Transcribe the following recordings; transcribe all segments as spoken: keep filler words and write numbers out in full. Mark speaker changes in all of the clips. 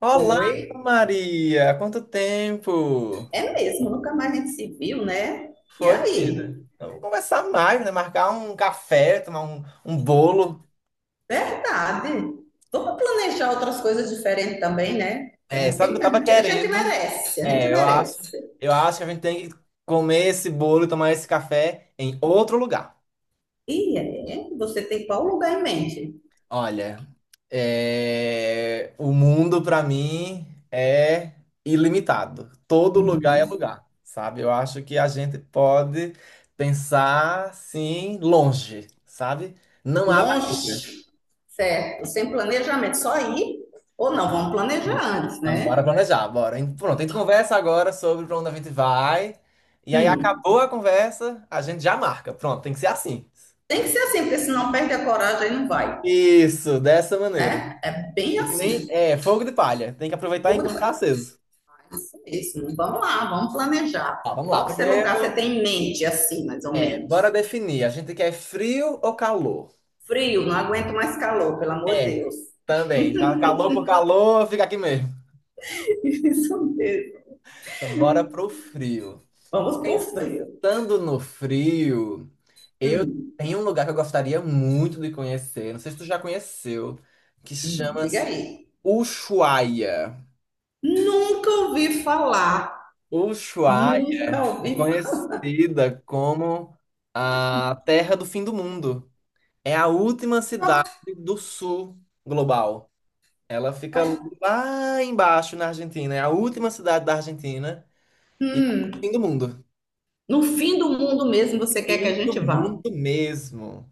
Speaker 1: Olá,
Speaker 2: Foi.
Speaker 1: Maria! Quanto tempo?
Speaker 2: É mesmo, nunca mais a gente se viu, né? E
Speaker 1: Foi,
Speaker 2: aí?
Speaker 1: menina? Vamos conversar mais, né? Marcar um café, tomar um, um bolo.
Speaker 2: Verdade. Vamos planejar outras coisas diferentes também, né? A
Speaker 1: É,
Speaker 2: gente,
Speaker 1: sabe o que
Speaker 2: tem-
Speaker 1: eu
Speaker 2: a
Speaker 1: tava
Speaker 2: gente- a gente
Speaker 1: querendo?
Speaker 2: merece, a gente
Speaker 1: É, eu acho,
Speaker 2: merece.
Speaker 1: eu acho que a gente tem que comer esse bolo e tomar esse café em outro lugar.
Speaker 2: E é, você tem qual lugar em mente?
Speaker 1: Olha, é, o mundo para mim é ilimitado. Todo lugar é
Speaker 2: Hum.
Speaker 1: lugar, sabe? Eu acho que a gente pode pensar assim longe, sabe? Não há barreira.
Speaker 2: Longe, certo? Sem planejamento, só ir? Ou não, vamos planejar antes,
Speaker 1: Então,
Speaker 2: né?
Speaker 1: bora planejar, bora. Hein? Pronto, a gente conversa agora sobre para onde a gente vai. E aí
Speaker 2: Hum.
Speaker 1: acabou a conversa, a gente já marca. Pronto, tem que ser assim.
Speaker 2: Tem que ser assim, porque senão perde a coragem e não vai,
Speaker 1: Isso, dessa maneira.
Speaker 2: né? É bem
Speaker 1: É que nem
Speaker 2: assim.
Speaker 1: é fogo de palha. Tem que aproveitar
Speaker 2: Fogo
Speaker 1: enquanto tá
Speaker 2: de...
Speaker 1: aceso.
Speaker 2: Isso mesmo. Vamos lá, vamos planejar.
Speaker 1: Tá, vamos lá.
Speaker 2: Qual que é seu lugar que
Speaker 1: Primeiro,
Speaker 2: você tem em mente, assim, mais ou
Speaker 1: bora
Speaker 2: menos?
Speaker 1: definir. A gente quer frio ou calor?
Speaker 2: Frio, não aguento mais calor, pelo amor de
Speaker 1: É.
Speaker 2: Deus.
Speaker 1: Também. Já calor por calor, fica aqui mesmo.
Speaker 2: Isso mesmo.
Speaker 1: Então, bora pro frio.
Speaker 2: Vamos pro frio.
Speaker 1: Pensando no frio,
Speaker 2: Hum,
Speaker 1: tem um lugar que eu gostaria muito de conhecer. Não sei se tu já conheceu, que
Speaker 2: hum, diga
Speaker 1: chama-se
Speaker 2: aí.
Speaker 1: Ushuaia.
Speaker 2: Nunca ouvi falar.
Speaker 1: Ushuaia
Speaker 2: Nunca
Speaker 1: é
Speaker 2: ouvi
Speaker 1: conhecida como a Terra do Fim do Mundo. É a última cidade
Speaker 2: falar.
Speaker 1: do sul global. Ela fica
Speaker 2: Olha,
Speaker 1: lá embaixo na Argentina, é a última cidade da Argentina e fim
Speaker 2: hum,
Speaker 1: do mundo.
Speaker 2: no fim do mundo mesmo você quer que a
Speaker 1: Fim
Speaker 2: gente
Speaker 1: do
Speaker 2: vá?
Speaker 1: mundo mesmo.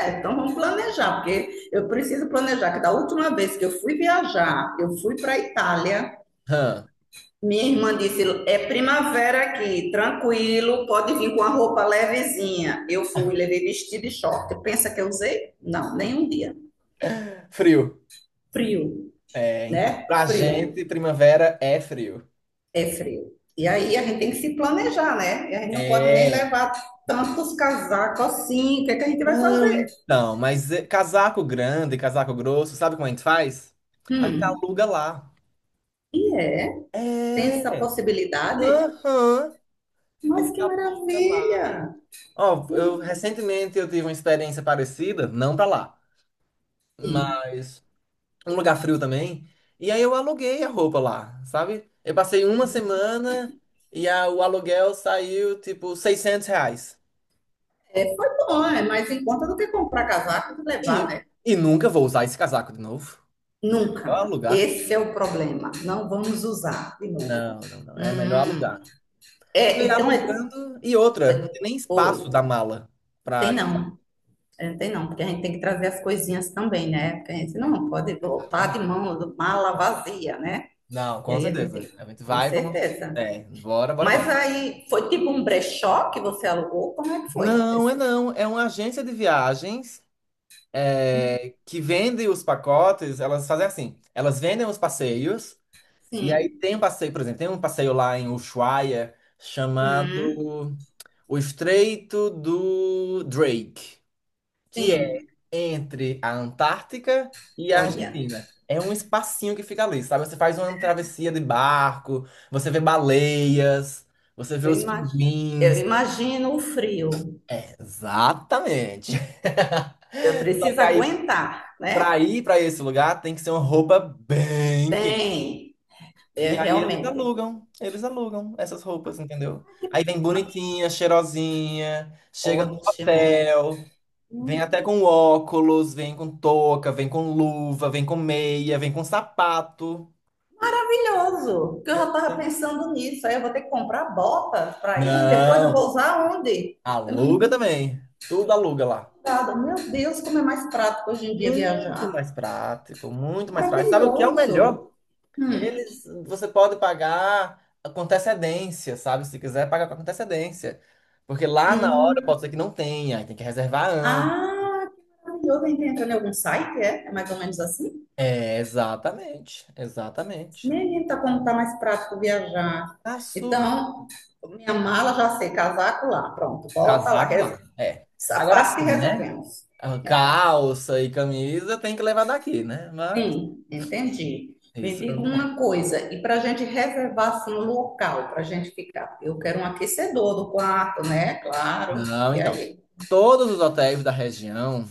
Speaker 2: É, então vamos planejar, porque eu preciso planejar que da última vez que eu fui viajar, eu fui para a Itália.
Speaker 1: Hã,
Speaker 2: Minha irmã disse: é primavera aqui, tranquilo, pode vir com a roupa levezinha. Eu fui, levei vestido e short. Pensa que eu usei? Não, nenhum dia.
Speaker 1: frio.
Speaker 2: Frio,
Speaker 1: É, então.
Speaker 2: né?
Speaker 1: Pra
Speaker 2: Frio,
Speaker 1: gente, primavera é frio.
Speaker 2: é frio. E aí a gente tem que se planejar, né? E a gente não pode nem
Speaker 1: É.
Speaker 2: levar tantos casacos assim. O que é que a gente vai
Speaker 1: Não,
Speaker 2: fazer?
Speaker 1: então, mas é, casaco grande, casaco grosso, sabe como a gente faz? A gente
Speaker 2: Hum,
Speaker 1: aluga lá.
Speaker 2: e é, tem essa
Speaker 1: É.
Speaker 2: possibilidade?
Speaker 1: Aham. A
Speaker 2: Mas
Speaker 1: gente
Speaker 2: que
Speaker 1: aluga
Speaker 2: maravilha!
Speaker 1: lá. Ó, eu recentemente eu tive uma experiência parecida, não pra lá.
Speaker 2: Enfim,
Speaker 1: Mas um lugar frio também. E aí eu aluguei a roupa lá, sabe? Eu passei uma semana e a- o aluguel saiu tipo seiscentos reais.
Speaker 2: é, foi bom, é mais em conta do que comprar casaco e levar,
Speaker 1: E,
Speaker 2: né?
Speaker 1: e nunca vou usar esse casaco de novo. Então é melhor
Speaker 2: Nunca.
Speaker 1: alugar.
Speaker 2: Esse é o problema. Não vamos usar de novo.
Speaker 1: Não, não, não. É melhor
Speaker 2: Hum,
Speaker 1: alugar. E
Speaker 2: é,
Speaker 1: aí
Speaker 2: então é.
Speaker 1: alugando. E outra, não
Speaker 2: É,
Speaker 1: tem nem
Speaker 2: Oi,
Speaker 1: espaço da mala
Speaker 2: tem
Speaker 1: pra
Speaker 2: não. É, tem não, porque a gente tem que trazer as coisinhas também, né? Porque a gente não pode
Speaker 1: casaco.
Speaker 2: voltar de mão, de mala vazia, né?
Speaker 1: Não,
Speaker 2: E
Speaker 1: com
Speaker 2: aí a gente
Speaker 1: certeza.
Speaker 2: tem,
Speaker 1: A gente
Speaker 2: com
Speaker 1: vai como.
Speaker 2: certeza.
Speaker 1: É, bora, bora,
Speaker 2: Mas
Speaker 1: bora.
Speaker 2: aí foi tipo um brechó que você alugou? Como é que foi?
Speaker 1: Não, é não. É uma agência de viagens. É, que vendem os pacotes, elas fazem assim, elas vendem os passeios, e aí
Speaker 2: Sim.
Speaker 1: tem um passeio, por exemplo, tem um passeio lá em Ushuaia
Speaker 2: Hum,
Speaker 1: chamado O Estreito do Drake, que é
Speaker 2: sim.
Speaker 1: entre a Antártica e a
Speaker 2: Olha,
Speaker 1: Argentina. É um espacinho que fica ali, sabe? Você faz uma travessia de barco, você vê baleias, você vê
Speaker 2: eu
Speaker 1: os
Speaker 2: imagino, eu
Speaker 1: pinguins.
Speaker 2: imagino o frio.
Speaker 1: É, exatamente.
Speaker 2: Eu
Speaker 1: Só
Speaker 2: preciso
Speaker 1: que aí,
Speaker 2: aguentar,
Speaker 1: pra
Speaker 2: né?
Speaker 1: ir pra esse lugar tem que ser uma roupa bem quente.
Speaker 2: Tem, é,
Speaker 1: E aí eles
Speaker 2: realmente.
Speaker 1: alugam, eles alugam essas roupas, entendeu? Aí vem bonitinha, cheirosinha, chega no
Speaker 2: Ótimo.
Speaker 1: hotel, vem até com óculos, vem com touca, vem com luva, vem com meia, vem com sapato.
Speaker 2: Maravilhoso. Porque eu já estava pensando nisso. Aí eu vou ter que comprar botas para ir. Depois eu
Speaker 1: Não,
Speaker 2: vou usar onde?
Speaker 1: aluga também. Tudo aluga lá.
Speaker 2: Nada. Meu Deus, como é mais prático hoje em dia
Speaker 1: Muito
Speaker 2: viajar.
Speaker 1: mais prático, muito mais prático. Sabe o que é o
Speaker 2: Maravilhoso.
Speaker 1: melhor?
Speaker 2: Hum.
Speaker 1: Eles, você pode pagar com antecedência, sabe? Se quiser, paga com antecedência. Porque lá na hora
Speaker 2: Hum.
Speaker 1: pode ser que não tenha, aí tem que reservar antes.
Speaker 2: Ah, que maravilhoso. A gente entra em algum site, é? É mais ou menos assim?
Speaker 1: É, exatamente, exatamente.
Speaker 2: Menino, tá como tá mais prático viajar.
Speaker 1: Aço,
Speaker 2: Então, minha mala já sei, casaco lá. Pronto, bota lá.
Speaker 1: casaco lá, é.
Speaker 2: Essa
Speaker 1: Agora
Speaker 2: parte
Speaker 1: sim, né?
Speaker 2: resolvemos.
Speaker 1: A
Speaker 2: É,
Speaker 1: calça e camisa tem que levar daqui, né? Mas
Speaker 2: sim, entendi. Me
Speaker 1: isso, é o
Speaker 2: diga
Speaker 1: mesmo.
Speaker 2: uma coisa, e para a gente reservar assim, um local para a gente ficar? Eu quero um aquecedor do quarto, né? Claro.
Speaker 1: Não,
Speaker 2: E
Speaker 1: então.
Speaker 2: aí?
Speaker 1: Todos os hotéis da região.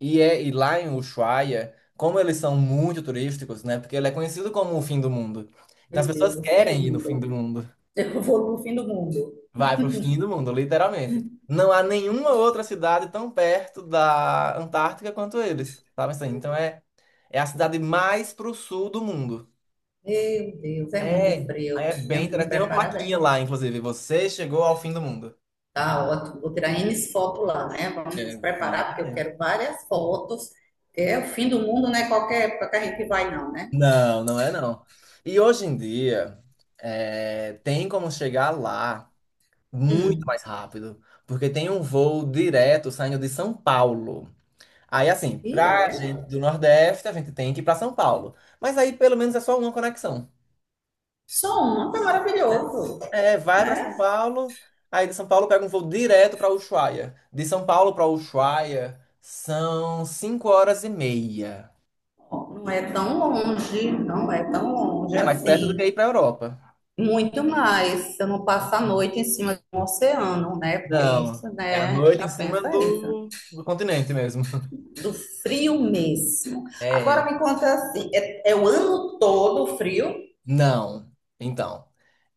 Speaker 1: E, é, e lá em Ushuaia, como eles são muito turísticos, né? Porque ele é conhecido como o fim do mundo. Então as
Speaker 2: Meu
Speaker 1: pessoas
Speaker 2: Deus, o fim do
Speaker 1: querem ir no fim do
Speaker 2: mundo.
Speaker 1: mundo.
Speaker 2: Eu vou no fim do mundo.
Speaker 1: Vai pro fim do mundo, literalmente. Não há nenhuma outra cidade tão perto da Antártica quanto eles, sabe assim? Então é, é a cidade mais pro sul do mundo.
Speaker 2: Meu Deus, é muito
Speaker 1: É, aí
Speaker 2: frio.
Speaker 1: é bem
Speaker 2: Tenho que me
Speaker 1: interessante. Tem uma
Speaker 2: preparar bem.
Speaker 1: plaquinha lá, inclusive, você chegou ao fim do mundo.
Speaker 2: Tá ótimo. Vou tirar ene fotos lá, né? Vamos nos preparar, porque eu
Speaker 1: Exatamente.
Speaker 2: quero várias fotos. É o fim do mundo, não é qualquer época que a gente vai, não, né?
Speaker 1: Não, não é não. E hoje em dia, é, tem como chegar lá muito
Speaker 2: Hum.
Speaker 1: mais rápido, porque tem um voo direto saindo de São Paulo. Aí, assim,
Speaker 2: E
Speaker 1: pra
Speaker 2: é.
Speaker 1: gente do Nordeste, a gente tem que ir pra São Paulo. Mas aí, pelo menos, é só uma conexão.
Speaker 2: Som é maravilhoso,
Speaker 1: É, vai pra
Speaker 2: né?
Speaker 1: São Paulo, aí de São Paulo pega um voo direto pra Ushuaia. De São Paulo pra Ushuaia são cinco horas e meia.
Speaker 2: Não é tão longe, não é tão longe
Speaker 1: É mais perto do
Speaker 2: assim.
Speaker 1: que ir pra Europa.
Speaker 2: Muito mais, você não passa a noite em cima de um oceano, né? Porque
Speaker 1: Não,
Speaker 2: isso,
Speaker 1: é
Speaker 2: né?
Speaker 1: a
Speaker 2: A gente
Speaker 1: noite em
Speaker 2: já
Speaker 1: cima
Speaker 2: pensa isso,
Speaker 1: do, do continente mesmo.
Speaker 2: do frio mesmo. Agora
Speaker 1: É,
Speaker 2: me conta assim, é, é o ano todo frio?
Speaker 1: não. Então.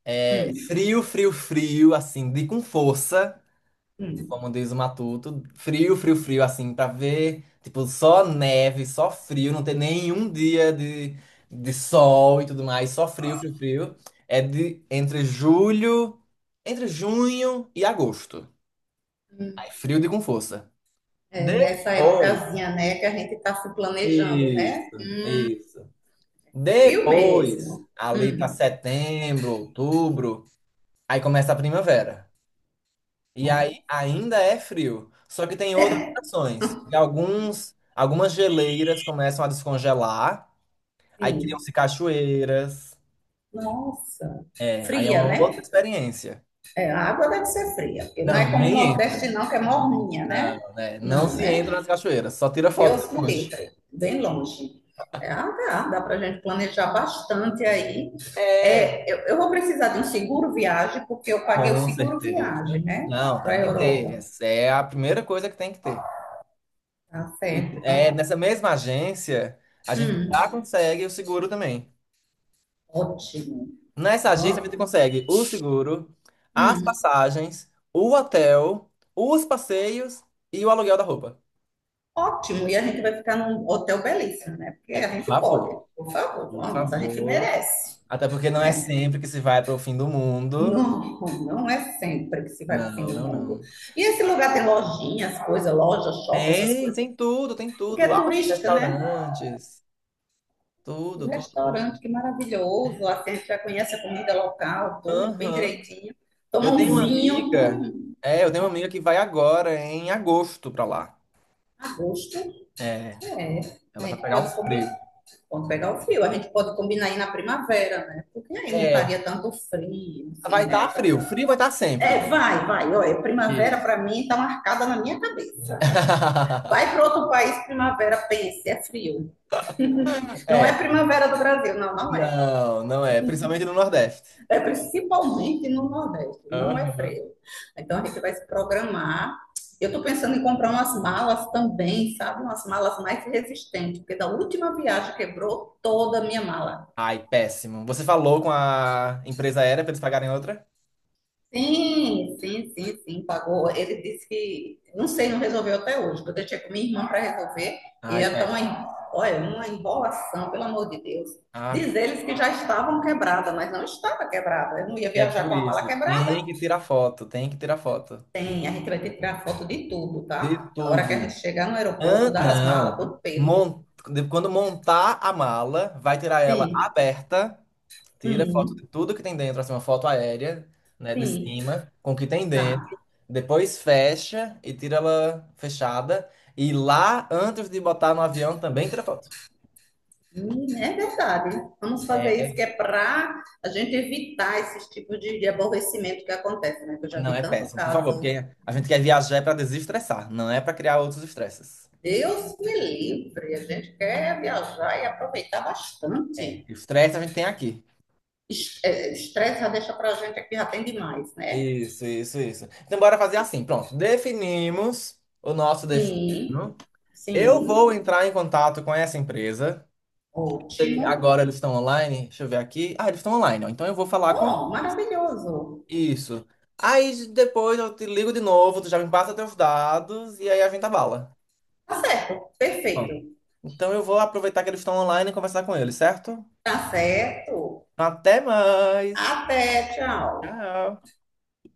Speaker 1: É,
Speaker 2: Hum,
Speaker 1: frio, frio, frio, assim, de com força,
Speaker 2: hum.
Speaker 1: como diz o Matuto. Frio, frio, frio, assim, pra ver, tipo, só neve, só frio, não ter nenhum dia de, de sol e tudo mais, só frio, frio, frio. É de entre julho, entre junho e agosto. Aí, frio de com força.
Speaker 2: É essa
Speaker 1: Depois,
Speaker 2: épocazinha, né, que a gente tá se planejando, né?
Speaker 1: isso, isso.
Speaker 2: Frio
Speaker 1: Depois,
Speaker 2: mesmo.
Speaker 1: ali pra
Speaker 2: Hum.
Speaker 1: setembro, outubro, aí começa a primavera. E aí
Speaker 2: Ó,
Speaker 1: ainda é frio, só que tem outras estações. E alguns, algumas geleiras começam a descongelar, aí
Speaker 2: sim.
Speaker 1: criam-se cachoeiras.
Speaker 2: Nossa,
Speaker 1: É, aí é
Speaker 2: fria,
Speaker 1: uma outra
Speaker 2: né?
Speaker 1: experiência.
Speaker 2: É, a água deve ser fria, porque não é
Speaker 1: Não,
Speaker 2: como o
Speaker 1: nem entra.
Speaker 2: Nordeste, não, que é morninha, né?
Speaker 1: Não, né? Não
Speaker 2: Não,
Speaker 1: se
Speaker 2: né?
Speaker 1: entra nas cachoeiras, só tira foto
Speaker 2: Deus me
Speaker 1: depois.
Speaker 2: livre, bem longe. É, ah, dá, dá para a gente planejar bastante aí.
Speaker 1: É,
Speaker 2: É, eu, eu vou precisar de um seguro viagem, porque eu paguei o
Speaker 1: com
Speaker 2: seguro
Speaker 1: certeza.
Speaker 2: viagem, né?
Speaker 1: Não,
Speaker 2: Para
Speaker 1: tem
Speaker 2: a
Speaker 1: que ter.
Speaker 2: Europa.
Speaker 1: Essa é a primeira coisa que tem que ter.
Speaker 2: Tá
Speaker 1: E
Speaker 2: certo.
Speaker 1: é,
Speaker 2: Então,
Speaker 1: nessa mesma agência, a gente
Speaker 2: hum,
Speaker 1: já consegue o seguro também.
Speaker 2: ótimo.
Speaker 1: Nessa agência a gente
Speaker 2: Vamos.
Speaker 1: consegue o seguro, as
Speaker 2: Hum,
Speaker 1: passagens, o hotel, os passeios e o aluguel da roupa.
Speaker 2: ótimo. E a gente vai ficar num hotel belíssimo, né? Porque
Speaker 1: É,
Speaker 2: a
Speaker 1: por
Speaker 2: gente
Speaker 1: favor,
Speaker 2: pode. Por favor,
Speaker 1: por
Speaker 2: vamos. A gente
Speaker 1: favor.
Speaker 2: merece,
Speaker 1: Até porque não é
Speaker 2: né?
Speaker 1: sempre que se vai para o fim do mundo.
Speaker 2: Não, não é sempre que se vai para
Speaker 1: Não,
Speaker 2: o fim do
Speaker 1: não,
Speaker 2: mundo.
Speaker 1: não.
Speaker 2: E esse lugar tem lojinhas, coisas, loja, shopping, essas
Speaker 1: Tem,
Speaker 2: coisas,
Speaker 1: tem tudo, tem
Speaker 2: porque
Speaker 1: tudo.
Speaker 2: é
Speaker 1: Altos
Speaker 2: turística, né?
Speaker 1: restaurantes,
Speaker 2: Os
Speaker 1: tudo, tudo,
Speaker 2: restaurantes,
Speaker 1: tudo.
Speaker 2: que maravilhoso, assim, a gente já conhece a comida local, tudo bem
Speaker 1: Aham.
Speaker 2: direitinho. Toma
Speaker 1: Eu
Speaker 2: um
Speaker 1: tenho uma
Speaker 2: vinho,
Speaker 1: amiga,
Speaker 2: hum,
Speaker 1: é, eu tenho uma amiga que vai agora em agosto para lá.
Speaker 2: a gosto.
Speaker 1: É,
Speaker 2: É, a
Speaker 1: ela vai
Speaker 2: gente
Speaker 1: pegar um
Speaker 2: pode comer,
Speaker 1: frio.
Speaker 2: pode pegar o frio, a gente pode combinar aí na primavera, né? Porque aí não
Speaker 1: É,
Speaker 2: estaria tanto frio,
Speaker 1: vai
Speaker 2: assim,
Speaker 1: estar
Speaker 2: né,
Speaker 1: frio,
Speaker 2: também.
Speaker 1: frio vai estar sempre.
Speaker 2: É, vai, vai, olha, primavera
Speaker 1: Isso.
Speaker 2: para mim está marcada na minha cabeça. Vai para outro país, primavera, pense, é frio. Não é
Speaker 1: É.
Speaker 2: primavera do Brasil, não, não é.
Speaker 1: Não, não é. Principalmente no Nordeste.
Speaker 2: É principalmente no Nordeste, não é
Speaker 1: Aham.
Speaker 2: frio. Então a gente vai se programar. Eu estou pensando em comprar umas malas também, sabe? Umas malas mais resistentes, porque da última viagem quebrou toda a minha mala.
Speaker 1: Ai, péssimo. Você falou com a empresa aérea para eles pagarem outra?
Speaker 2: Sim, sim, sim, sim, pagou. Ele disse que, não sei, não resolveu até hoje, eu deixei com minha irmã para resolver, e
Speaker 1: Ai,
Speaker 2: é tão,
Speaker 1: péssimo.
Speaker 2: en- olha, uma enrolação, pelo amor de Deus.
Speaker 1: Ah,
Speaker 2: Diz eles que já estavam quebradas, mas não estava quebrada. Eu não ia
Speaker 1: é
Speaker 2: viajar
Speaker 1: por
Speaker 2: com a mala
Speaker 1: isso.
Speaker 2: quebrada.
Speaker 1: Tem que tirar foto, tem que tirar foto.
Speaker 2: Tem, a gente vai ter que tirar foto de tudo,
Speaker 1: De
Speaker 2: tá? Na hora que a gente
Speaker 1: tudo.
Speaker 2: chegar no aeroporto,
Speaker 1: Hã?
Speaker 2: dá as malas,
Speaker 1: Não.
Speaker 2: todo peso.
Speaker 1: Mon- de- Quando montar a mala, vai tirar ela
Speaker 2: Sim,
Speaker 1: aberta. Tira foto
Speaker 2: hum,
Speaker 1: de tudo que tem dentro, assim, uma foto aérea, né, de
Speaker 2: sim,
Speaker 1: cima, com o que tem dentro.
Speaker 2: tá.
Speaker 1: Depois fecha e tira ela fechada. E lá, antes de botar no avião, também tira foto.
Speaker 2: Hum, é verdade. Vamos fazer isso que é para a gente evitar esses tipos de, de aborrecimento que acontece, né? Que eu já vi
Speaker 1: Não, é
Speaker 2: tanto
Speaker 1: péssimo, por favor,
Speaker 2: caso.
Speaker 1: porque a gente quer viajar para desestressar, não é para criar outros estresses.
Speaker 2: Deus me livre. A gente quer viajar e aproveitar
Speaker 1: É,
Speaker 2: bastante.
Speaker 1: o estresse a gente tem aqui.
Speaker 2: Es- é, Estresse já deixa para a gente aqui, já tem demais, né?
Speaker 1: Isso, isso, isso. Então, bora fazer assim, pronto. Definimos o nosso
Speaker 2: Sim,
Speaker 1: destino. Eu vou
Speaker 2: sim.
Speaker 1: entrar em contato com essa empresa. E
Speaker 2: Ótimo.
Speaker 1: agora eles estão online? Deixa eu ver aqui. Ah, eles estão online, ó. Então eu vou falar com.
Speaker 2: Oh, maravilhoso.
Speaker 1: Isso. Aí depois eu te ligo de novo, tu já me passa teus dados e aí a gente abala.
Speaker 2: Tá certo.
Speaker 1: Bom,
Speaker 2: Perfeito.
Speaker 1: então eu vou aproveitar que eles estão online e conversar com eles, certo?
Speaker 2: Tá certo.
Speaker 1: Até mais!
Speaker 2: Até, tchau.
Speaker 1: Tchau!